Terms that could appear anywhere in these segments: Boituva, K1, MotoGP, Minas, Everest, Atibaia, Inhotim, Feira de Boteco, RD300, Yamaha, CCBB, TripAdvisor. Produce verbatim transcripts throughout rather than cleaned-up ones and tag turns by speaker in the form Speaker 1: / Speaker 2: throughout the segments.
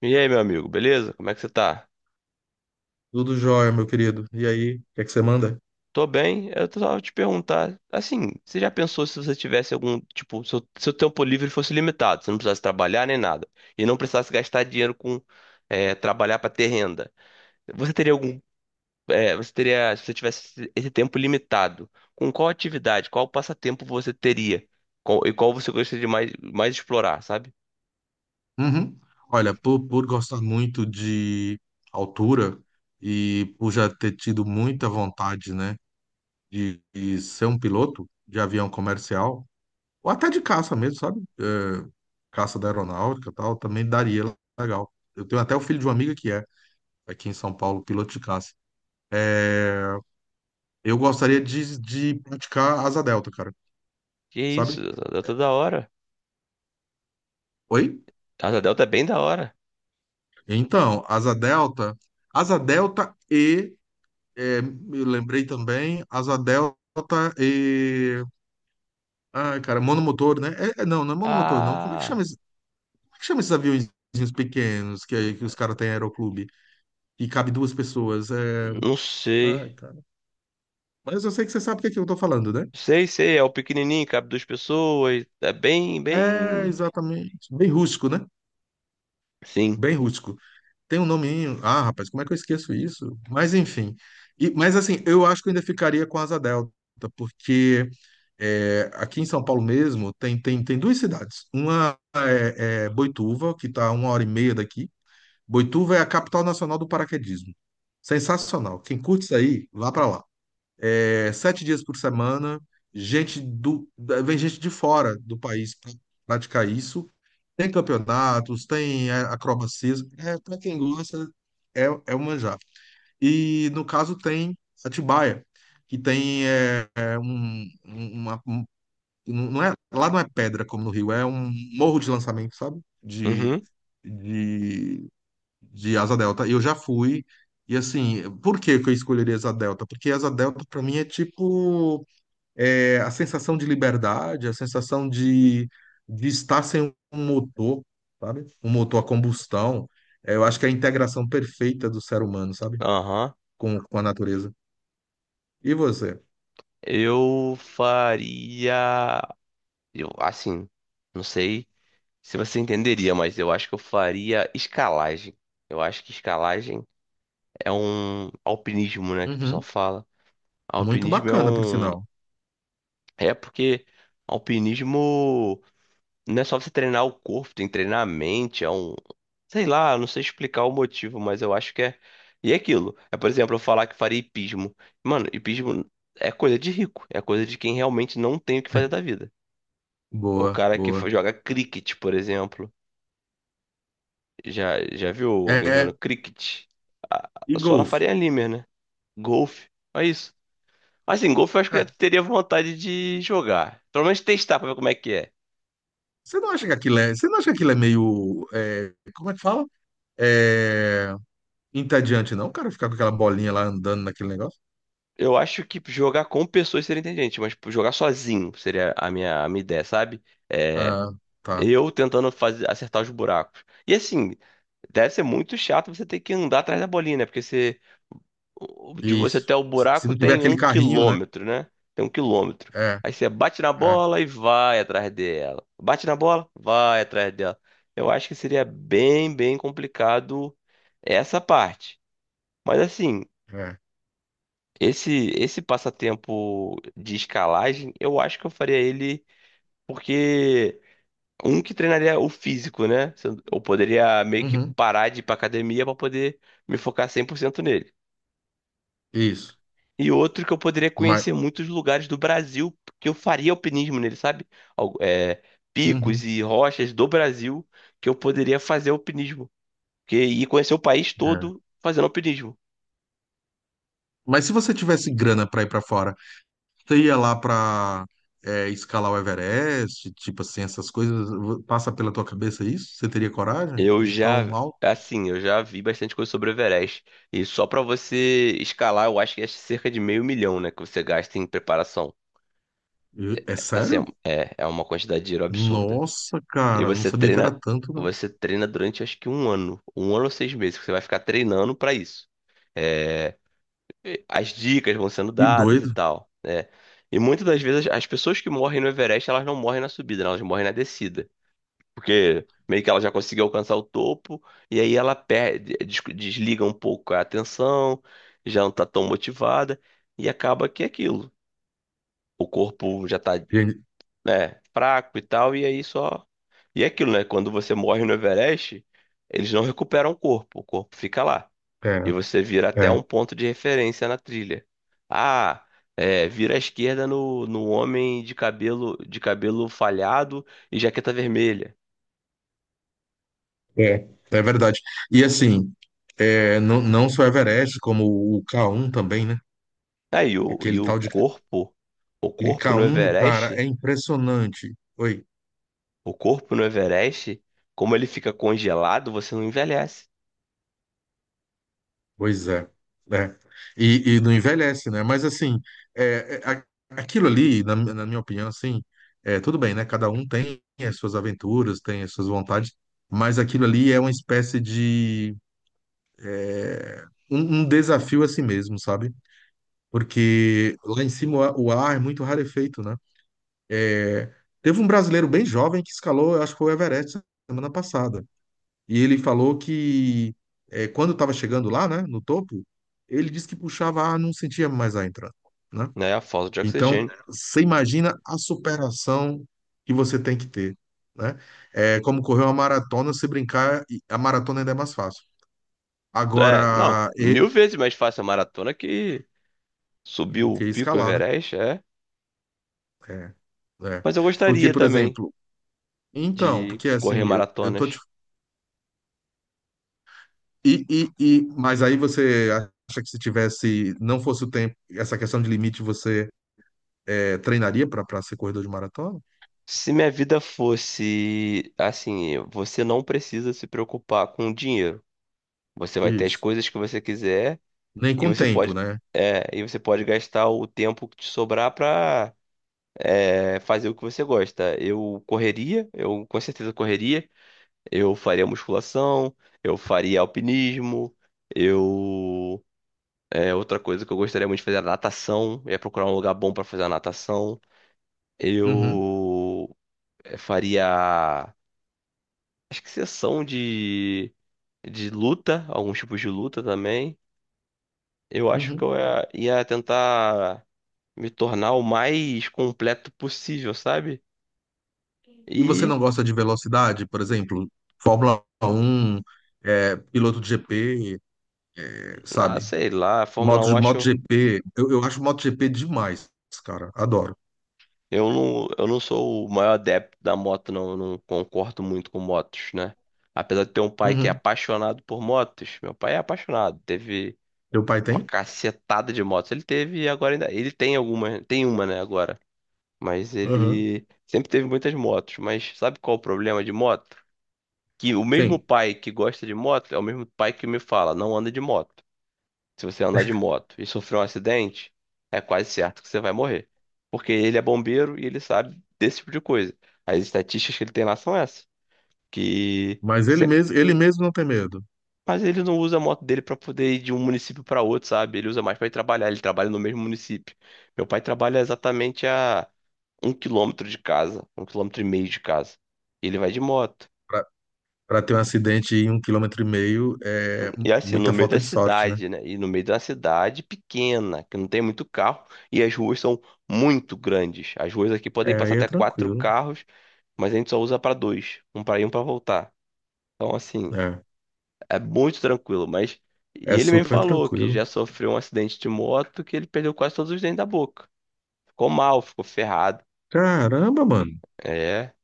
Speaker 1: E aí, meu amigo, beleza? Como é que você tá?
Speaker 2: Tudo jóia, meu querido. E aí, o que é que você manda?
Speaker 1: Tô bem, eu tô só te perguntar, assim, você já pensou se você tivesse algum, tipo, seu, seu tempo livre fosse limitado, você não precisasse trabalhar nem nada, e não precisasse gastar dinheiro com, é, trabalhar pra ter renda, você teria algum, é, você teria, se você tivesse esse esse tempo limitado, com qual atividade, qual passatempo você teria, Qual- e qual você gostaria de mais, mais explorar, sabe?
Speaker 2: Uhum. Olha, por, por gostar muito de altura e por já ter tido muita vontade, né, de, de ser um piloto de avião comercial, ou até de caça mesmo, sabe? É, caça da aeronáutica e tal, também daria legal. Eu tenho até o filho de uma amiga que é, aqui em São Paulo, piloto de caça. Eu gostaria de, de praticar asa delta, cara,
Speaker 1: Que isso,
Speaker 2: sabe?
Speaker 1: a Delta é da hora,
Speaker 2: Oi?
Speaker 1: a Delta é bem da hora.
Speaker 2: Então, asa delta, asa delta e É, eu lembrei também, asa delta e. Ai, cara, monomotor, né? É, é, não, não é monomotor, não. Como é que chama,
Speaker 1: Ah,
Speaker 2: esse- como é que chama esses aviõezinhos pequenos que, que os caras têm em aeroclube? E cabe duas pessoas. É...
Speaker 1: não sei.
Speaker 2: Ai, cara. Mas eu sei que você sabe o que é que eu tô falando, né?
Speaker 1: Sei, sei, é o pequenininho, cabe duas pessoas. É bem,
Speaker 2: É,
Speaker 1: bem.
Speaker 2: exatamente. Bem rústico, né?
Speaker 1: Sim.
Speaker 2: Bem rústico. Tem um nominho. Ah, rapaz, como é que eu esqueço isso? Mas enfim. E- mas assim, eu acho que eu ainda ficaria com Asa Delta, porque é, aqui em São Paulo mesmo tem, tem, tem duas cidades. Uma é, é Boituva, que está a uma hora e meia daqui. Boituva é a capital nacional do paraquedismo. Sensacional. Quem curte isso aí, vá para lá é, sete dias por semana, gente do, da- vem gente de fora do país para praticar isso. Tem campeonatos, tem é, acrobacias. É, para quem gosta, é, é o manjar. E no caso tem Atibaia, que tem é, é, um, um, uma, um- não é, lá não é pedra como no Rio, é um morro de lançamento, sabe? De,
Speaker 1: Uhum.
Speaker 2: de, de Asa Delta. E eu já fui. E assim, por que que eu escolheria Asa Delta? Porque Asa Delta, para mim, é tipo é, a sensação de liberdade, a sensação de, de estar sem um motor, sabe? Um motor a combustão. É, eu acho que é a integração perfeita do ser humano, sabe?
Speaker 1: Aham.
Speaker 2: Com, com a natureza. E você?
Speaker 1: Eu faria. Eu, assim, não sei se você entenderia, mas eu acho que eu faria escalagem. Eu acho que escalagem é um alpinismo, né, que o pessoal
Speaker 2: Uhum.
Speaker 1: fala.
Speaker 2: Muito
Speaker 1: Alpinismo é
Speaker 2: bacana, por
Speaker 1: um.
Speaker 2: sinal.
Speaker 1: É porque alpinismo. Não é só você treinar o corpo, tem que treinar a mente, é um. Sei lá, não sei explicar o motivo, mas eu acho que é. E é aquilo. É, por exemplo, eu falar que faria hipismo. Mano, hipismo é coisa de rico, é coisa de quem realmente não tem o que fazer da vida. O
Speaker 2: Boa,
Speaker 1: cara que fa-
Speaker 2: boa.
Speaker 1: joga cricket, por exemplo. Já, já viu alguém jogando
Speaker 2: É,
Speaker 1: cricket? Ah,
Speaker 2: e
Speaker 1: só na
Speaker 2: golfe?
Speaker 1: Faria Limer, né? Golfe. É isso. Assim, golfe eu acho que eu
Speaker 2: É,
Speaker 1: já teria vontade de jogar. Pelo menos testar pra ver como é que é.
Speaker 2: você não acha que aquilo é, você não acha que aquilo é meio, é, como é que fala? É, entediante, não, cara, ficar com aquela bolinha lá andando naquele negócio?
Speaker 1: Eu acho que jogar com pessoas seria inteligente, mas tipo, jogar sozinho seria a minha, a minha ideia, sabe? É,
Speaker 2: Ah, tá.
Speaker 1: eu tentando fazer, acertar os buracos. E assim, deve ser muito chato você ter que andar atrás da bolinha, né? Porque você, o- de você
Speaker 2: Isso.
Speaker 1: até o
Speaker 2: Se, se
Speaker 1: buraco
Speaker 2: não tiver
Speaker 1: tem um
Speaker 2: aquele carrinho, né?
Speaker 1: quilômetro, né? Tem um quilômetro.
Speaker 2: É.
Speaker 1: Aí você bate na
Speaker 2: É,
Speaker 1: bola e vai atrás dela. Bate na bola, vai atrás dela. Eu acho que seria bem, bem complicado essa parte. Mas assim.
Speaker 2: é.
Speaker 1: Esse, esse passatempo de escalagem, eu acho que eu faria ele porque um que treinaria o físico, né? Se Eu eu poderia meio que
Speaker 2: Uhum,
Speaker 1: parar de ir pra academia para poder me focar cem por cento nele.
Speaker 2: isso.
Speaker 1: E outro que eu poderia
Speaker 2: Mas,
Speaker 1: conhecer muitos lugares do Brasil, que eu faria alpinismo nele, sabe? Al- é, picos
Speaker 2: uhum,
Speaker 1: e rochas do Brasil que eu poderia fazer alpinismo. Que, e conhecer o país
Speaker 2: é.
Speaker 1: todo fazendo alpinismo.
Speaker 2: Mas se você tivesse grana para ir para fora, você ia lá para escalar o Everest, tipo assim, essas coisas, passa pela tua cabeça isso? Você teria coragem
Speaker 1: Eu
Speaker 2: de tão
Speaker 1: já,
Speaker 2: mal?
Speaker 1: assim, eu já vi bastante coisa sobre o Everest. E só pra você escalar, eu acho que é cerca de meio milhão, né, que você gasta em preparação.
Speaker 2: E- É
Speaker 1: Assim,
Speaker 2: sério?
Speaker 1: é, é uma quantidade de dinheiro absurda.
Speaker 2: Nossa,
Speaker 1: E
Speaker 2: cara, não
Speaker 1: você
Speaker 2: sabia que
Speaker 1: treina,
Speaker 2: era tanto, não.
Speaker 1: você treina durante acho que um ano, um ano ou seis meses, que você vai ficar treinando pra isso. É, as dicas vão sendo
Speaker 2: Que
Speaker 1: dadas e
Speaker 2: doido.
Speaker 1: tal, né? E muitas das vezes as pessoas que morrem no Everest, elas não morrem na subida, né? Elas morrem na descida. Porque meio que ela já conseguiu alcançar o topo, e aí ela perde, des- desliga um pouco a atenção, já não tá tão motivada, e acaba que é aquilo. O corpo já tá,
Speaker 2: E-
Speaker 1: né, fraco e tal, e aí só. E é aquilo, né? Quando você morre no Everest, eles não recuperam o corpo, o corpo fica lá.
Speaker 2: É,
Speaker 1: E você vira até
Speaker 2: é,
Speaker 1: um ponto de referência na trilha. Ah, é, vira à esquerda no, no homem de cabelo, de cabelo falhado e jaqueta vermelha.
Speaker 2: é, é verdade. E assim, é, não, não só Everest, como o K um também, né?
Speaker 1: Ah, e o, e
Speaker 2: Aquele
Speaker 1: o
Speaker 2: tal de
Speaker 1: corpo, o corpo
Speaker 2: Clicar
Speaker 1: no
Speaker 2: um, cara, é
Speaker 1: Everest,
Speaker 2: impressionante. Oi,
Speaker 1: o corpo no Everest, como ele fica congelado, você não envelhece,
Speaker 2: pois é, né? E, e não envelhece, né? Mas assim, é, é, a- aquilo ali, na, mi- na minha opinião, assim, é, tudo bem, né? Cada um tem as suas aventuras, tem as suas vontades, mas aquilo ali é uma espécie de um, um desafio a si mesmo, sabe? Porque lá em cima o ar o ar é muito rarefeito, né? Teve um brasileiro bem jovem que escalou, eu acho que foi o Everest semana passada. E ele falou que é, quando estava chegando lá, né, no topo, ele disse que puxava ar, não sentia mais ar entrando, né?
Speaker 1: né? A falta de
Speaker 2: Então,
Speaker 1: oxigênio.
Speaker 2: você imagina a superação que você tem que ter, né? É como correr uma maratona, se brincar, e a maratona ainda é mais fácil.
Speaker 1: É, não,
Speaker 2: Agora, e
Speaker 1: mil vezes mais fácil a maratona que subir o
Speaker 2: que
Speaker 1: pico
Speaker 2: escalar, né?
Speaker 1: Everest, é.
Speaker 2: É, é.
Speaker 1: Mas eu
Speaker 2: Porque,
Speaker 1: gostaria
Speaker 2: por
Speaker 1: também
Speaker 2: exemplo, então,
Speaker 1: de
Speaker 2: porque
Speaker 1: correr
Speaker 2: assim, eu, eu tô te,
Speaker 1: maratonas.
Speaker 2: e, e, e, mas aí você acha que se tivesse, não fosse o tempo, essa questão de limite, você é, treinaria para ser corredor de maratona?
Speaker 1: Se minha vida fosse assim, você não precisa se preocupar com dinheiro. Você vai ter as
Speaker 2: Isso.
Speaker 1: coisas que você quiser
Speaker 2: Nem
Speaker 1: e
Speaker 2: com
Speaker 1: você
Speaker 2: tempo,
Speaker 1: pode,
Speaker 2: né?
Speaker 1: é, e você pode gastar o tempo que te sobrar para é, fazer o que você gosta. Eu correria, eu com certeza correria. Eu faria musculação, eu faria alpinismo, eu. É, outra coisa que eu gostaria muito de fazer era natação. Eu ia procurar um lugar bom para fazer a natação.
Speaker 2: Uhum,
Speaker 1: Eu é, faria. Acho que sessão de, de luta, alguns tipos de luta também. Eu acho que
Speaker 2: uhum.
Speaker 1: eu ia ia tentar me tornar o mais completo possível, sabe?
Speaker 2: E você
Speaker 1: E,
Speaker 2: não gosta de velocidade, por exemplo, Fórmula Um, é, piloto de G P, é,
Speaker 1: ah,
Speaker 2: sabe?
Speaker 1: sei lá, a Fórmula
Speaker 2: Moto,
Speaker 1: Um acho.
Speaker 2: MotoGP. Eu, eu acho MotoGP demais, cara. Adoro.
Speaker 1: Eu não, eu não sou o maior adepto da moto, não. Eu não concordo muito com motos, né? Apesar de ter um pai que é
Speaker 2: Uhum.
Speaker 1: apaixonado por motos, meu pai é apaixonado. Teve
Speaker 2: Teu pai
Speaker 1: uma
Speaker 2: tem?
Speaker 1: cacetada de motos. Ele teve e agora ainda. Ele tem alguma, tem uma, né, agora. Mas
Speaker 2: Uhum.
Speaker 1: ele sempre teve muitas motos. Mas sabe qual é o problema de moto? Que o mesmo
Speaker 2: Sim.
Speaker 1: pai que gosta de moto é o mesmo pai que me fala, não anda de moto. Se você andar de moto e sofrer um acidente, é quase certo que você vai morrer. Porque ele é bombeiro e ele sabe desse tipo de coisa. As estatísticas que ele tem lá são essas. Que
Speaker 2: Mas ele
Speaker 1: sempre.
Speaker 2: mesmo, ele mesmo não tem medo.
Speaker 1: Mas ele não usa a moto dele pra poder ir de um município pra outro, sabe? Ele usa mais pra ir trabalhar. Ele trabalha no mesmo município. Meu pai trabalha exatamente a um quilômetro de casa, um quilômetro e meio de casa. Ele vai de moto.
Speaker 2: Pra pra ter um acidente em um quilômetro e meio é m-
Speaker 1: E assim, no
Speaker 2: muita
Speaker 1: meio da
Speaker 2: falta de sorte, né?
Speaker 1: cidade, né? E no meio da cidade pequena, que não tem muito carro, e as ruas são muito grandes. As ruas aqui podem
Speaker 2: É,
Speaker 1: passar
Speaker 2: aí é
Speaker 1: até quatro
Speaker 2: tranquilo.
Speaker 1: carros, mas a gente só usa para dois, um para ir e um para voltar. Então, assim,
Speaker 2: É,
Speaker 1: é muito tranquilo, mas e
Speaker 2: é
Speaker 1: ele me
Speaker 2: super
Speaker 1: falou que
Speaker 2: tranquilo.
Speaker 1: já sofreu um acidente de moto que ele perdeu quase todos os dentes da boca. Ficou mal, ficou ferrado.
Speaker 2: Caramba, mano.
Speaker 1: É,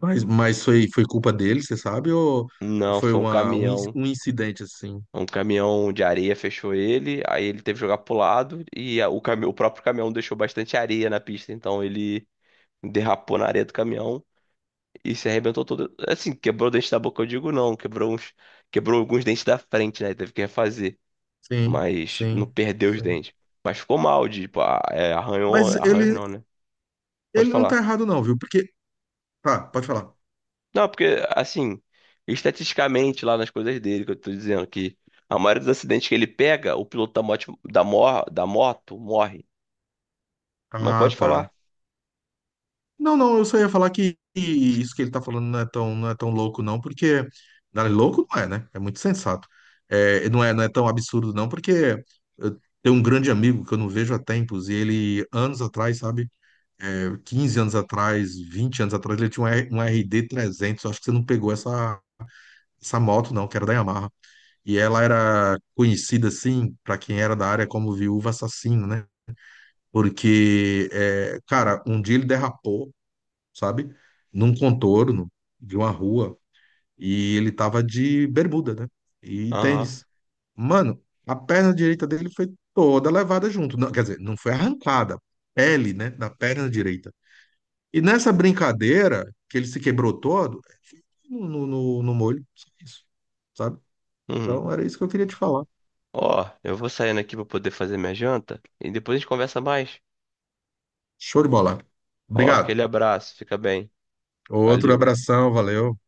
Speaker 2: Mas, mas foi, foi culpa dele, você sabe? Ou, ou
Speaker 1: não,
Speaker 2: foi
Speaker 1: foi um
Speaker 2: uma, um, in-
Speaker 1: caminhão.
Speaker 2: um incidente assim?
Speaker 1: Um caminhão de areia fechou ele, aí ele teve que jogar pro lado e a- o, cami- o próprio caminhão deixou bastante areia na pista, então ele derrapou na areia do caminhão e se arrebentou todo. Assim, quebrou o dente da boca, eu digo não, quebrou uns, quebrou alguns dentes da frente, né? Teve que refazer,
Speaker 2: Sim,
Speaker 1: mas não
Speaker 2: sim,
Speaker 1: perdeu os
Speaker 2: sim.
Speaker 1: dentes. Mas ficou mal, tipo, a- é, arranhou,
Speaker 2: Mas
Speaker 1: arranhou
Speaker 2: ele,
Speaker 1: não, né? Pode
Speaker 2: ele não tá
Speaker 1: falar.
Speaker 2: errado, não, viu? Porque. Tá, pode falar.
Speaker 1: Não, porque assim, estatisticamente lá nas coisas dele que eu tô dizendo que a maioria dos acidentes que ele pega, o piloto da moto, da, mor da moto morre. Mas
Speaker 2: Ah,
Speaker 1: pode
Speaker 2: tá.
Speaker 1: falar.
Speaker 2: Não, não, eu só ia falar que que isso que ele tá falando não é tão, não é tão louco, não, porque. Não, louco não é, né? É muito sensato. É, não é, não é tão absurdo, não, porque eu tenho um grande amigo que eu não vejo há tempos, e ele, anos atrás, sabe? É, quinze anos atrás, vinte anos atrás, ele tinha um, R- um R D trezentos. Eu acho que você não pegou essa, essa moto, não, que era da Yamaha. E ela era conhecida, assim, para quem era da área, como viúva assassina, né? Porque, é, cara, um dia ele derrapou, sabe? Num contorno de uma rua e ele tava de bermuda, né? E
Speaker 1: Aham.
Speaker 2: tênis. Mano, a perna direita dele foi toda levada junto. Não, quer dizer, não foi arrancada. Pele, né, da perna direita e nessa brincadeira, que ele se quebrou todo, no, no, no no molho, só isso, sabe?
Speaker 1: Uhum.
Speaker 2: Então era isso que eu queria te falar.
Speaker 1: Ó, eu vou saindo aqui pra poder fazer minha janta e depois a gente conversa mais.
Speaker 2: Show de bola.
Speaker 1: Ó,
Speaker 2: Obrigado.
Speaker 1: aquele abraço, fica bem.
Speaker 2: Outro
Speaker 1: Valeu.
Speaker 2: abração, valeu.